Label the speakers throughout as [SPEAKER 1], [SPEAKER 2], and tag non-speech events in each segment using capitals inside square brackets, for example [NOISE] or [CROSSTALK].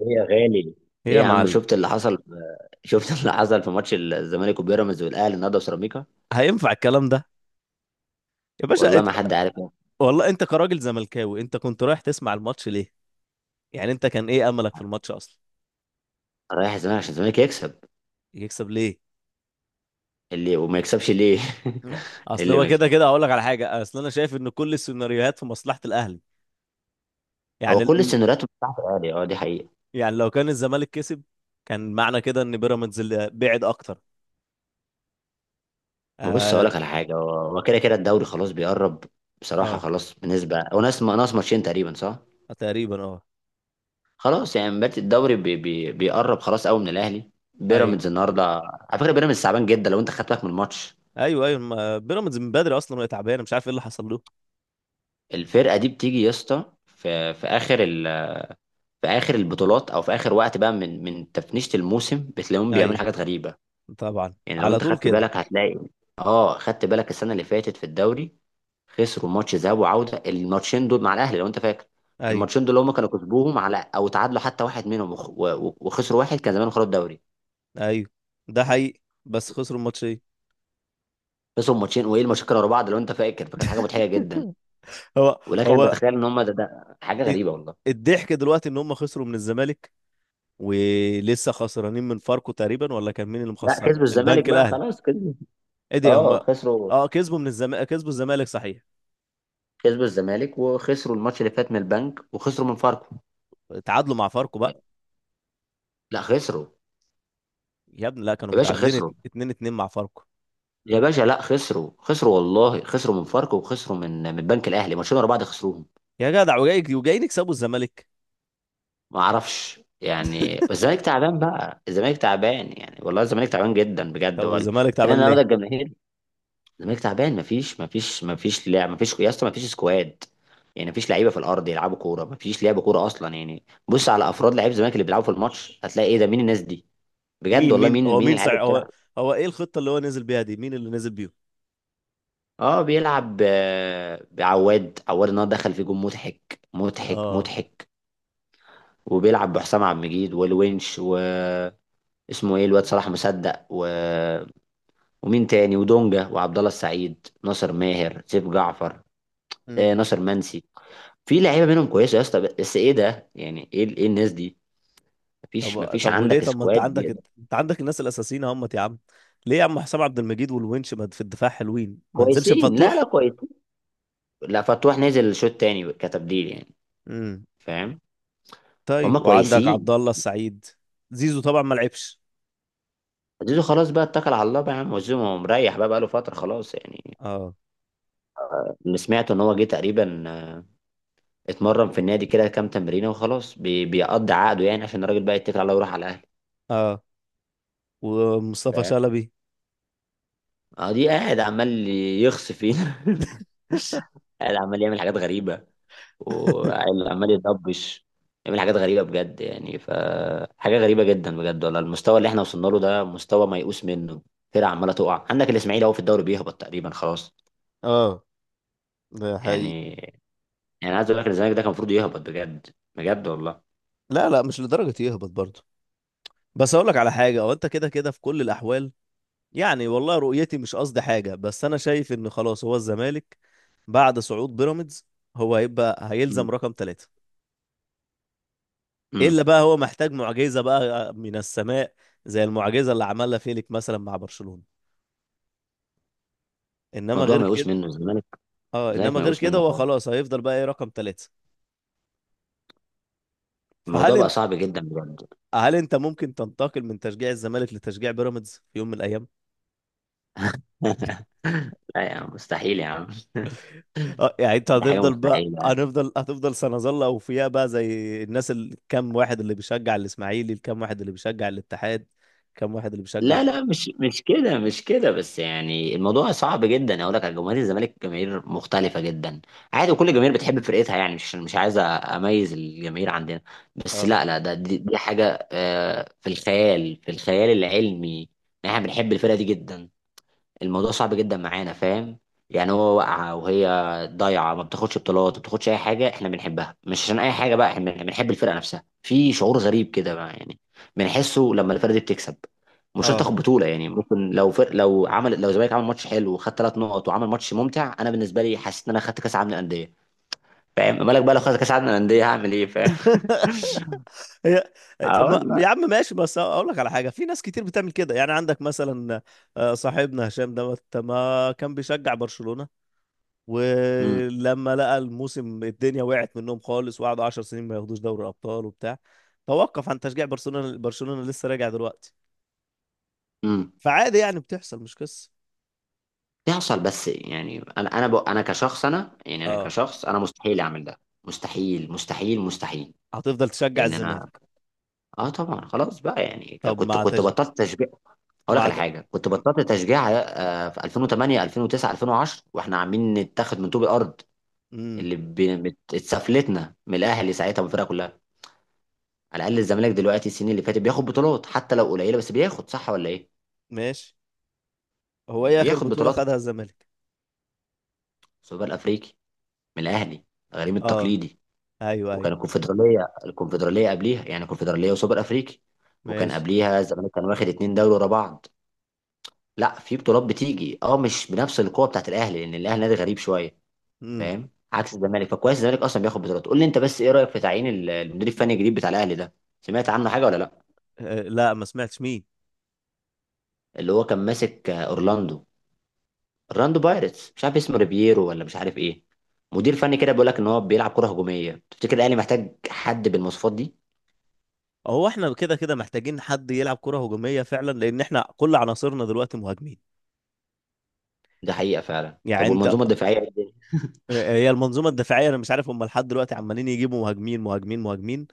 [SPEAKER 1] ايه يا غالي.
[SPEAKER 2] ايه
[SPEAKER 1] ايه
[SPEAKER 2] يا
[SPEAKER 1] يا عم،
[SPEAKER 2] معلم.
[SPEAKER 1] شفت اللي حصل؟ [LAUGHS] شفت اللي حصل في ماتش الزمالك وبيراميدز والاهلي النهارده وسيراميكا.
[SPEAKER 2] هينفع الكلام ده؟ يا باشا
[SPEAKER 1] والله
[SPEAKER 2] انت.
[SPEAKER 1] ما حد عارف.
[SPEAKER 2] والله انت كراجل زملكاوي، انت كنت رايح تسمع الماتش ليه؟ يعني انت كان ايه املك في الماتش اصلا؟
[SPEAKER 1] رايح الزمالك عشان الزمالك يكسب.
[SPEAKER 2] يكسب ليه؟
[SPEAKER 1] اللي وما يكسبش ليه؟ [LAUGHS]
[SPEAKER 2] اصل
[SPEAKER 1] اللي
[SPEAKER 2] هو
[SPEAKER 1] ما يكسب.
[SPEAKER 2] كده كده اقول لك على حاجه. اصل انا شايف ان كل السيناريوهات في مصلحه الاهلي.
[SPEAKER 1] هو
[SPEAKER 2] يعني
[SPEAKER 1] كل
[SPEAKER 2] ال...
[SPEAKER 1] السيناريوهات بتاعت الاهلي، اه، دي حقيقه.
[SPEAKER 2] يعني لو كان الزمالك كسب كان معنى كده ان بيراميدز اللي بعد اكتر.
[SPEAKER 1] ما بص اقول
[SPEAKER 2] اه
[SPEAKER 1] لك على حاجه، هو كده كده الدوري خلاص بيقرب. بصراحه
[SPEAKER 2] اه
[SPEAKER 1] خلاص بنسبه، هو ناقص ناقص ماتشين تقريبا صح.
[SPEAKER 2] تقريبا، اه.
[SPEAKER 1] خلاص يعني بات الدوري بي بي بيقرب خلاص قوي من الاهلي.
[SPEAKER 2] ايوه
[SPEAKER 1] بيراميدز النهارده. على فكره، بيراميدز تعبان جدا لو انت خدت بالك من الماتش.
[SPEAKER 2] ايوه ايوه، بيراميدز من بدري اصلا وهي تعبانه، مش عارف ايه اللي حصل له.
[SPEAKER 1] الفرقه دي بتيجي يا اسطى في في اخر البطولات، او في اخر وقت بقى من تفنيشه الموسم، بتلاقيهم بيعملوا
[SPEAKER 2] ايوه.
[SPEAKER 1] حاجات غريبه.
[SPEAKER 2] طبعا،
[SPEAKER 1] يعني لو
[SPEAKER 2] على
[SPEAKER 1] انت
[SPEAKER 2] طول
[SPEAKER 1] خدت
[SPEAKER 2] كده.
[SPEAKER 1] بالك هتلاقي. اه، خدت بالك السنه اللي فاتت في الدوري، خسروا ماتش ذهاب وعوده، الماتشين دول مع الاهلي لو انت فاكر.
[SPEAKER 2] ايوه،
[SPEAKER 1] الماتشين دول هم كانوا كسبوهم على، او تعادلوا حتى واحد منهم، وخسروا واحد، كان زمان خرجوا الدوري.
[SPEAKER 2] ايوه، ده حقيقي بس خسروا الماتشين.
[SPEAKER 1] خسروا ماتشين وايه المشاكل ورا بعض لو انت فاكر، فكانت حاجه مضحكه جدا.
[SPEAKER 2] [LAUGHS] هو
[SPEAKER 1] ولكن انت
[SPEAKER 2] هو
[SPEAKER 1] تتخيل ان هم ده حاجه غريبه والله.
[SPEAKER 2] الضحك دلوقتي ان هم خسروا من الزمالك، ولسه خسرانين من فاركو تقريبا، ولا كان مين اللي
[SPEAKER 1] لا
[SPEAKER 2] مخسر
[SPEAKER 1] كسبوا الزمالك
[SPEAKER 2] البنك
[SPEAKER 1] بقى،
[SPEAKER 2] الاهلي؟
[SPEAKER 1] خلاص كسبوا.
[SPEAKER 2] ايه ده هم؟
[SPEAKER 1] اه خسروا.
[SPEAKER 2] اه، كسبوا من الزمالك، كسبوا الزمالك صحيح.
[SPEAKER 1] كسبوا الزمالك وخسروا الماتش اللي فات من البنك، وخسروا من فاركو.
[SPEAKER 2] تعادلوا مع فاركو بقى.
[SPEAKER 1] لا خسروا.
[SPEAKER 2] يا ابني لا، كانوا
[SPEAKER 1] يا باشا
[SPEAKER 2] متعادلين
[SPEAKER 1] خسروا.
[SPEAKER 2] 2-2 مع فاركو.
[SPEAKER 1] يا باشا، لا، خسروا خسروا والله، خسروا من فاركو وخسروا من البنك الاهلي ماتشين ورا بعض خسروهم.
[SPEAKER 2] يا جدع، وجاي وجايين يكسبوا الزمالك؟
[SPEAKER 1] ما اعرفش يعني، بس الزمالك تعبان بقى، الزمالك تعبان يعني، والله الزمالك تعبان جدا بجد
[SPEAKER 2] طب
[SPEAKER 1] والله.
[SPEAKER 2] الزمالك
[SPEAKER 1] لان
[SPEAKER 2] تعبان
[SPEAKER 1] النهارده
[SPEAKER 2] ليه؟
[SPEAKER 1] الجماهير. الزمالك تعبان، مفيش مفيش مفيش لعب، مفيش يا اسطى، مفيش سكواد. يعني مفيش لعيبه في الارض يلعبوا كوره، مفيش لعب كوره اصلا يعني. بص على افراد لعيب الزمالك اللي بيلعبوا في الماتش، هتلاقي ايه ده، مين الناس دي. بجد
[SPEAKER 2] مين
[SPEAKER 1] والله،
[SPEAKER 2] مين
[SPEAKER 1] مين
[SPEAKER 2] هو
[SPEAKER 1] مين
[SPEAKER 2] مين
[SPEAKER 1] العيال اللي
[SPEAKER 2] صحيح هو؟
[SPEAKER 1] بتلعب.
[SPEAKER 2] هو ايه الخطة اللي هو نزل بيها دي؟ مين اللي نزل بيهم؟
[SPEAKER 1] اه بيلعب بعواد، عواد النهارده دخل في جون، مضحك مضحك
[SPEAKER 2] اه.
[SPEAKER 1] مضحك. وبيلعب بحسام عبد المجيد والونش، واسمه ايه الواد صلاح مصدق ومين تاني، ودونجا وعبد الله السعيد، ناصر ماهر، سيف جعفر. آه
[SPEAKER 2] امم.
[SPEAKER 1] ناصر منسي. في لعيبه منهم كويسه يا اسطى، بس ايه ده يعني، ايه الناس دي. مفيش
[SPEAKER 2] طب
[SPEAKER 1] مفيش
[SPEAKER 2] طب وليه؟
[SPEAKER 1] عندك
[SPEAKER 2] طب ما انت
[SPEAKER 1] سكواد
[SPEAKER 2] عندك.
[SPEAKER 1] بيقدر.
[SPEAKER 2] انت عندك الناس الاساسيين اهمت يا عم. ليه يا عم، حسام عبد المجيد والونش ما في الدفاع حلوين، ما نزلش
[SPEAKER 1] كويسين، لا لا،
[SPEAKER 2] بفتوح؟
[SPEAKER 1] كويسين. لا، فتوح نزل شوط تاني كتبديل يعني.
[SPEAKER 2] امم.
[SPEAKER 1] فاهم.
[SPEAKER 2] طيب،
[SPEAKER 1] هما
[SPEAKER 2] وعندك عبد
[SPEAKER 1] كويسين.
[SPEAKER 2] الله السعيد. زيزو طبعا ما لعبش.
[SPEAKER 1] زيزو خلاص بقى، اتكل على الله بقى يا عم، وزيزو مريح بقى بقاله فترة خلاص يعني.
[SPEAKER 2] اه،
[SPEAKER 1] اللي سمعته ان هو جه تقريبا، اتمرن في النادي كده كام تمرينة وخلاص بيقضي عقده يعني، عشان الراجل بقى يتكل على الله ويروح على الاهلي.
[SPEAKER 2] اه. ومصطفى
[SPEAKER 1] فاهم.
[SPEAKER 2] شلبي.
[SPEAKER 1] اه دي قاعد عمال يخص فينا [LAUGHS] قاعد عمال يعمل حاجات غريبة،
[SPEAKER 2] [LAUGHS]
[SPEAKER 1] وعمال يضبش، يعمل حاجات غريبة بجد يعني. فحاجة غريبة جدا بجد والله، المستوى اللي احنا وصلنا له ده مستوى ميؤوس منه. فرقة عمالة تقع، عندك الإسماعيلي اهو في الدوري بيهبط تقريبا خلاص.
[SPEAKER 2] اه، ده حقيقي.
[SPEAKER 1] يعني، يعني عايز اقول لك إن الزمالك ده كان المفروض يهبط بجد، بجد والله.
[SPEAKER 2] لا، لا، مش لدرجة يهبط برضه. بس اقول لك على حاجة، هو انت كده كده في كل الاحوال. يعني والله رؤيتي مش قصدي حاجة، بس انا شايف ان خلاص هو الزمالك بعد صعود بيراميدز هو هيبقى
[SPEAKER 1] مم.
[SPEAKER 2] هيلزم رقم ثلاثة. الا
[SPEAKER 1] مم.
[SPEAKER 2] بقى هو محتاج معجزه بقى من السماء، زي المعجزه اللي عملها فيليك مثلا مع برشلونه. انما
[SPEAKER 1] الموضوع
[SPEAKER 2] غير
[SPEAKER 1] ما يقوس
[SPEAKER 2] كده.
[SPEAKER 1] منه الزمالك،
[SPEAKER 2] اه،
[SPEAKER 1] الزمالك
[SPEAKER 2] انما
[SPEAKER 1] ما
[SPEAKER 2] غير
[SPEAKER 1] يقوس
[SPEAKER 2] كده،
[SPEAKER 1] منه
[SPEAKER 2] هو
[SPEAKER 1] خالص،
[SPEAKER 2] خلاص هيفضل بقى ايه، رقم ثلاثه. فهل
[SPEAKER 1] الموضوع بقى
[SPEAKER 2] انت
[SPEAKER 1] صعب جدا بجد.
[SPEAKER 2] هل انت ممكن تنتقل من تشجيع الزمالك لتشجيع بيراميدز في يوم من الايام؟
[SPEAKER 1] [LAUGHS] لا يا عم، مستحيل يا عم.
[SPEAKER 2] اه يعني انت
[SPEAKER 1] دي حاجه
[SPEAKER 2] هتفضل بقى،
[SPEAKER 1] مستحيله.
[SPEAKER 2] هنفضل، هتفضل، سنظل اوفياء بقى زي الناس، الكام واحد اللي بيشجع الاسماعيلي، الكام واحد اللي بيشجع الاتحاد، كام واحد اللي بيشجع
[SPEAKER 1] لا
[SPEAKER 2] بقى.
[SPEAKER 1] لا، مش كده، مش كده، بس يعني الموضوع صعب جدا. اقول لك على جماهير الزمالك، جماهير مختلفه جدا. عادي وكل جماهير بتحب فرقتها يعني، مش عايز اميز الجماهير عندنا. بس،
[SPEAKER 2] اه،
[SPEAKER 1] لا لا، دي حاجه في الخيال، في الخيال العلمي. إن احنا بنحب الفرقه دي جدا، الموضوع صعب جدا معانا فاهم. يعني هو واقعة وهي ضايعة، ما بتاخدش بطولات، ما بتاخدش أي حاجة، إحنا بنحبها مش عشان أي حاجة بقى. إحنا بنحب الفرقة نفسها، في شعور غريب كده بقى يعني بنحسه لما الفرقة دي بتكسب. مش شرط
[SPEAKER 2] اه.
[SPEAKER 1] تاخد بطولة يعني، ممكن لو الزمالك عمل ماتش حلو وخد ثلاث نقط وعمل ماتش ممتع، أنا بالنسبة لي حسيت إن أنا خدت كأس العالم للأندية. فاهم مالك بقى، لو خدت كأس العالم للأندية هعمل إيه، فاهم. [LAUGHS]
[SPEAKER 2] [LAUGHS] هي. طب
[SPEAKER 1] اه
[SPEAKER 2] ما-
[SPEAKER 1] والله.
[SPEAKER 2] يا عم ماشي، بس اقول لك على حاجه، في ناس كتير بتعمل كده. يعني عندك مثلا، صاحبنا هشام دوت، ما كان بيشجع برشلونه؟ ولما لقى الموسم الدنيا وقعت منهم خالص، وقعدوا 10 سنين ما ياخدوش دوري الابطال وبتاع، توقف عن تشجيع برشلونه. برشلونه لسه راجع دلوقتي.
[SPEAKER 1] امم.
[SPEAKER 2] فعادي يعني، بتحصل، مش قصه.
[SPEAKER 1] بيحصل، بس يعني، انا كشخص، انا يعني، انا
[SPEAKER 2] اه.
[SPEAKER 1] كشخص، انا مستحيل اعمل ده، مستحيل مستحيل مستحيل.
[SPEAKER 2] هتفضل تشجع
[SPEAKER 1] لان انا،
[SPEAKER 2] الزمالك.
[SPEAKER 1] اه طبعا خلاص بقى يعني ك-
[SPEAKER 2] طب
[SPEAKER 1] كنت
[SPEAKER 2] مع
[SPEAKER 1] كنت
[SPEAKER 2] تشجيع.
[SPEAKER 1] بطلت تشجيع. اقول لك
[SPEAKER 2] مع
[SPEAKER 1] على
[SPEAKER 2] ت...
[SPEAKER 1] حاجه، كنت بطلت تشجيع في 2008 2009 2010، واحنا عاملين نتاخد من طوب الارض،
[SPEAKER 2] امم
[SPEAKER 1] اللي اتسفلتنا من الاهلي ساعتها والفرقه كلها. على الاقل الزمالك دلوقتي السنين اللي فاتت بياخد بطولات حتى لو قليله، بس بياخد صح ولا ايه؟
[SPEAKER 2] ماشي. هو
[SPEAKER 1] يعني
[SPEAKER 2] ايه اخر
[SPEAKER 1] بياخد
[SPEAKER 2] بطوله
[SPEAKER 1] بطولات
[SPEAKER 2] خدها الزمالك؟
[SPEAKER 1] في السوبر الافريقي من الاهلي، غريم
[SPEAKER 2] اه.
[SPEAKER 1] التقليدي.
[SPEAKER 2] ايوه، ايوه.
[SPEAKER 1] وكان الكونفدراليه، الكونفدراليه قبليها يعني، كونفدراليه وسوبر افريقي. وكان
[SPEAKER 2] ماشي.
[SPEAKER 1] قبليها الزمالك كان واخد اتنين دوري ورا بعض. لا في بطولات بتيجي، اه مش بنفس القوه بتاعت الاهلي، لان الاهلي نادي غريب شويه.
[SPEAKER 2] امم.
[SPEAKER 1] فاهم؟ عكس الزمالك، فكويس الزمالك اصلا بياخد بطولات. قول لي انت بس، ايه رايك في تعيين المدير الفني الجديد بتاع الاهلي ده، سمعت عنه حاجه ولا لا؟
[SPEAKER 2] [LAUGHS] لا، ما سمعتش، مين؟
[SPEAKER 1] اللي هو كان ماسك اورلاندو، اورلاندو بايرتس، مش عارف اسمه ريبييرو ولا مش عارف ايه. مدير فني كده بيقول لك ان هو بيلعب كره هجوميه، تفتكر الاهلي محتاج حد بالمواصفات دي؟
[SPEAKER 2] هو احنا كده كده محتاجين حد يلعب كرة هجومية فعلا، لان احنا كل عناصرنا دلوقتي مهاجمين.
[SPEAKER 1] ده حقيقه فعلا.
[SPEAKER 2] يعني
[SPEAKER 1] طب
[SPEAKER 2] انت
[SPEAKER 1] والمنظومه الدفاعيه إيه؟
[SPEAKER 2] هي المنظومة الدفاعية، انا مش عارف، هم لحد دلوقتي عمالين يجيبوا مهاجمين مهاجمين مهاجمين،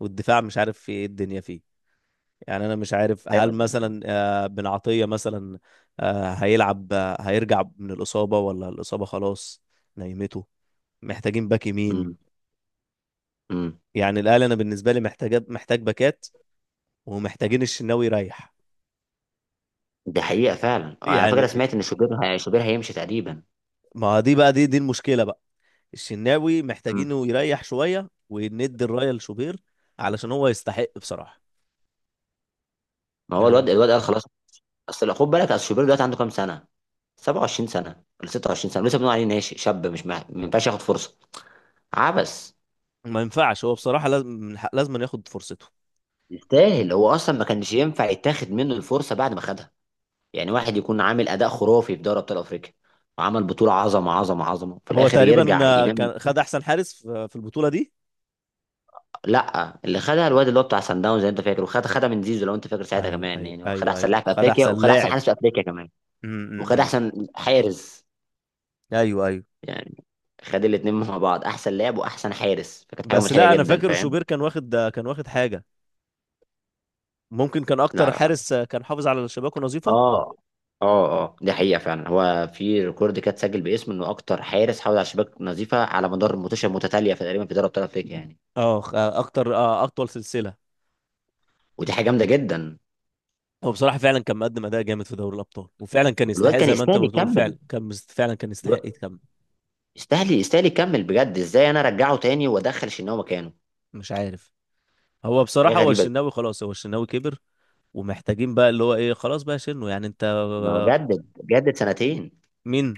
[SPEAKER 2] والدفاع مش عارف في ايه الدنيا فيه. يعني انا مش عارف، هل
[SPEAKER 1] ايوه.
[SPEAKER 2] مثلا بن عطية مثلا هيلعب، هيرجع من الإصابة ولا الإصابة خلاص نايمته؟ محتاجين باك يمين.
[SPEAKER 1] امم. امم.
[SPEAKER 2] يعني الأهلي انا بالنسبة لي محتاج باكات، ومحتاجين الشناوي يريح.
[SPEAKER 1] دي حقيقة فعلا، على
[SPEAKER 2] يعني
[SPEAKER 1] فكرة سمعت ان شوبير شوبير هيمشي تقريبا.
[SPEAKER 2] ما دي بقى، دي المشكله بقى. الشناوي
[SPEAKER 1] امم.
[SPEAKER 2] محتاجينه يريح شويه وندي الرايه لشوبير علشان هو يستحق بصراحه.
[SPEAKER 1] ما هو
[SPEAKER 2] يعني
[SPEAKER 1] الواد قال خلاص. اصل خد بالك، اصل شوبير دلوقتي عنده كام سنة، 27 سنة ولا 26 سنة، لسه بنقول عليه ناشئ شاب مش مع... ما ينفعش ياخد فرصة. عبس.
[SPEAKER 2] ما ينفعش، هو بصراحه لازم، لازم ياخد فرصته.
[SPEAKER 1] يستاهل، هو اصلا ما كانش ينفع يتاخد منه الفرصة بعد ما خدها. يعني واحد يكون عامل اداء خرافي في دوري ابطال افريقيا، وعمل بطولة عظمة عظمة عظمة، في
[SPEAKER 2] هو
[SPEAKER 1] الاخر
[SPEAKER 2] تقريبا
[SPEAKER 1] يرجع ينام.
[SPEAKER 2] كان خد احسن حارس في البطوله دي.
[SPEAKER 1] لا، اللي خدها الواد اللي هو بتاع سان داونز زي انت فاكر، خدها من زيزو لو انت فاكر ساعتها
[SPEAKER 2] ايوه،
[SPEAKER 1] كمان،
[SPEAKER 2] ايوه،
[SPEAKER 1] يعني خد
[SPEAKER 2] ايوه،
[SPEAKER 1] احسن
[SPEAKER 2] ايوه،
[SPEAKER 1] لاعب في
[SPEAKER 2] خد
[SPEAKER 1] افريقيا
[SPEAKER 2] احسن
[SPEAKER 1] وخد احسن
[SPEAKER 2] لاعب.
[SPEAKER 1] حارس في افريقيا كمان.
[SPEAKER 2] م- م-
[SPEAKER 1] وخد
[SPEAKER 2] م.
[SPEAKER 1] احسن حارس
[SPEAKER 2] ايوه، ايوه.
[SPEAKER 1] يعني، خد الاثنين مع بعض، احسن لاعب واحسن حارس، فكانت حاجه
[SPEAKER 2] بس
[SPEAKER 1] مضحكه
[SPEAKER 2] لا، انا
[SPEAKER 1] جدا
[SPEAKER 2] فاكر شوبير
[SPEAKER 1] فاهم.
[SPEAKER 2] كان واخد، كان واخد حاجه. ممكن كان
[SPEAKER 1] لا
[SPEAKER 2] اكتر
[SPEAKER 1] لا لا.
[SPEAKER 2] حارس كان حافظ على شباكه نظيفه.
[SPEAKER 1] اه. اه اه دي حقيقه فعلا، هو في ريكورد كده اتسجل باسمه، انه اكتر حارس حافظ على شباك نظيفه على مدار ماتشات متتاليه في تقريبا في دوري ابطال افريقيا يعني.
[SPEAKER 2] اه، اكتر، اطول سلسله.
[SPEAKER 1] ودي حاجه جامده جدا.
[SPEAKER 2] هو بصراحة فعلا كان مقدم أداء جامد في دوري الأبطال، وفعلا كان
[SPEAKER 1] والواد
[SPEAKER 2] يستحق
[SPEAKER 1] كان
[SPEAKER 2] زي ما أنت
[SPEAKER 1] يستاهل
[SPEAKER 2] ما بتقول.
[SPEAKER 1] يكمل،
[SPEAKER 2] فعلا كان فعلا كان يستحق
[SPEAKER 1] الواد-
[SPEAKER 2] يتكمل.
[SPEAKER 1] يستاهل يستاهل يكمل بجد. ازاي انا ارجعه تاني وادخل شناوي مكانه،
[SPEAKER 2] مش عارف. هو
[SPEAKER 1] حاجة
[SPEAKER 2] بصراحة، هو
[SPEAKER 1] غريبة جدا.
[SPEAKER 2] الشناوي خلاص، هو الشناوي كبر، ومحتاجين بقى اللي هو إيه، خلاص بقى شنو يعني أنت.
[SPEAKER 1] ما هو جدد جدد سنتين
[SPEAKER 2] مين؟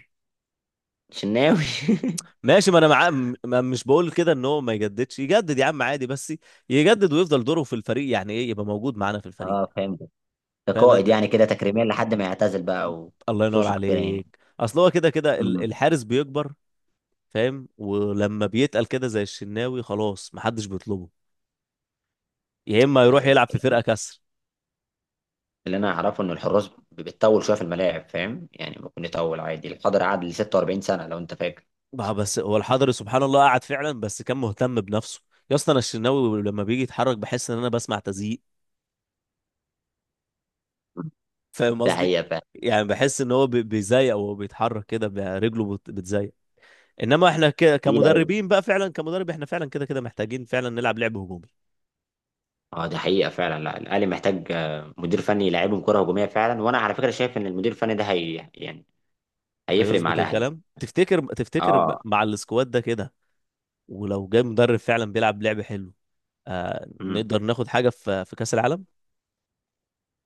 [SPEAKER 1] شناوي. [LAUGHS]
[SPEAKER 2] ماشي. ما أنا معاه، م- ما مش بقول كده إن هو ما يجددش. يجدد يا عم عادي، بس يجدد ويفضل دوره في الفريق. يعني إيه يبقى موجود معانا في الفريق.
[SPEAKER 1] اه فهمت. ده
[SPEAKER 2] فاهم
[SPEAKER 1] قائد
[SPEAKER 2] أنت.
[SPEAKER 1] يعني كده تكريميا لحد ما يعتزل بقى،
[SPEAKER 2] الله ينور
[SPEAKER 1] وصوصه كده يعني.
[SPEAKER 2] عليك. أصل هو كده كده،
[SPEAKER 1] امم.
[SPEAKER 2] الحارس بيكبر، فاهم، ولما بيتقل كده زي الشناوي خلاص محدش بيطلبه. يا اما يروح يلعب في فرقه كسر
[SPEAKER 1] اللي انا اعرفه ان الحراس بتطول شويه في الملاعب، فاهم يعني ممكن يطول عادي، الحضري قعد ل 46 سنه لو انت فاكر.
[SPEAKER 2] بقى. بس هو الحضري سبحان الله قعد فعلا، بس كان مهتم بنفسه. يا اسطى، انا الشناوي لما بيجي يتحرك بحس ان انا بسمع تزييق،
[SPEAKER 1] مم.
[SPEAKER 2] فاهم
[SPEAKER 1] ده
[SPEAKER 2] قصدي؟
[SPEAKER 1] حقيقه فعلا.
[SPEAKER 2] يعني بحس ان هو بيزيق، وهو بيتحرك كده رجله بتزيق. انما احنا
[SPEAKER 1] تقيل قوي.
[SPEAKER 2] كمدربين بقى، فعلا كمدرب احنا فعلا كده كده محتاجين فعلا نلعب لعب هجومي.
[SPEAKER 1] اه ده حقيقه فعلا. لا الاهلي محتاج مدير فني يلعبهم كره هجوميه فعلا، وانا على فكره شايف ان المدير الفني ده هي يعني هيفرق مع
[SPEAKER 2] هيظبط
[SPEAKER 1] الاهلي.
[SPEAKER 2] الكلام تفتكر؟
[SPEAKER 1] اه.
[SPEAKER 2] مع السكواد ده كده، ولو جاي مدرب فعلا بيلعب لعب حلو، آه
[SPEAKER 1] مم.
[SPEAKER 2] نقدر ناخد حاجه في كاس العالم.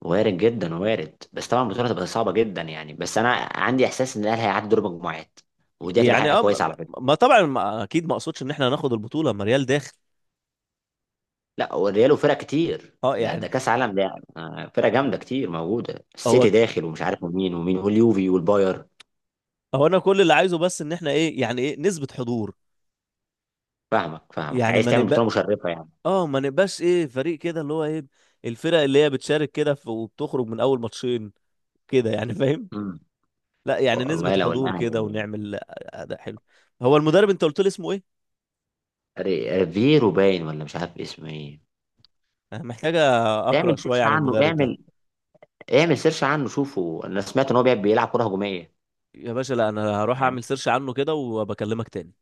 [SPEAKER 1] وارد جدا، وارد بس طبعا البطوله هتبقى صعبه جدا يعني، بس انا عندي احساس ان الاهلي هيعدي دور مجموعات، ودي هتبقى
[SPEAKER 2] يعني
[SPEAKER 1] حاجه
[SPEAKER 2] اه،
[SPEAKER 1] كويسه
[SPEAKER 2] م-
[SPEAKER 1] على فكره.
[SPEAKER 2] ما طبعا، ما اكيد ما اقصدش ان احنا هناخد البطوله. ما ريال داخل.
[SPEAKER 1] لا والريال وفرق كتير،
[SPEAKER 2] اه،
[SPEAKER 1] ده
[SPEAKER 2] يعني.
[SPEAKER 1] ده كاس عالم ده يعني. فرق جامده كتير موجوده،
[SPEAKER 2] هو
[SPEAKER 1] السيتي داخل ومش عارف مين ومين، واليوفي والباير.
[SPEAKER 2] هو انا كل اللي عايزه بس ان احنا ايه، يعني ايه نسبه حضور.
[SPEAKER 1] فاهمك فاهمك،
[SPEAKER 2] يعني
[SPEAKER 1] عايز
[SPEAKER 2] ما
[SPEAKER 1] تعمل بطوله
[SPEAKER 2] نبقى،
[SPEAKER 1] مشرفه يعني.
[SPEAKER 2] اه، ما نبقاش ايه، فريق كده اللي هو ايه، الفرق اللي هي بتشارك كده وبتخرج من اول ماتشين كده، يعني فاهم.
[SPEAKER 1] امم.
[SPEAKER 2] لا، يعني نسبه
[SPEAKER 1] والله لو
[SPEAKER 2] حضور كده،
[SPEAKER 1] الاهلي.
[SPEAKER 2] ونعمل اداء حلو. هو المدرب انت قلت لي اسمه ايه؟
[SPEAKER 1] ريفيرو باين ولا مش عارف اسمه ايه.
[SPEAKER 2] انا محتاجه اقرا
[SPEAKER 1] اعمل سيرش
[SPEAKER 2] شويه عن
[SPEAKER 1] عنه،
[SPEAKER 2] المدرب ده.
[SPEAKER 1] اعمل. اعمل سيرش عنه شوفه، انا سمعت ان هو بيلعب كره هجوميه.
[SPEAKER 2] يا باشا، لا، انا هروح
[SPEAKER 1] تمام.
[SPEAKER 2] اعمل سيرش عنه كده وبكلمك تاني.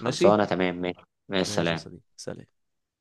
[SPEAKER 2] ماشي.
[SPEAKER 1] تمام ماشي. مع
[SPEAKER 2] ماشي يا
[SPEAKER 1] السلامه.
[SPEAKER 2] صديقي، سلام.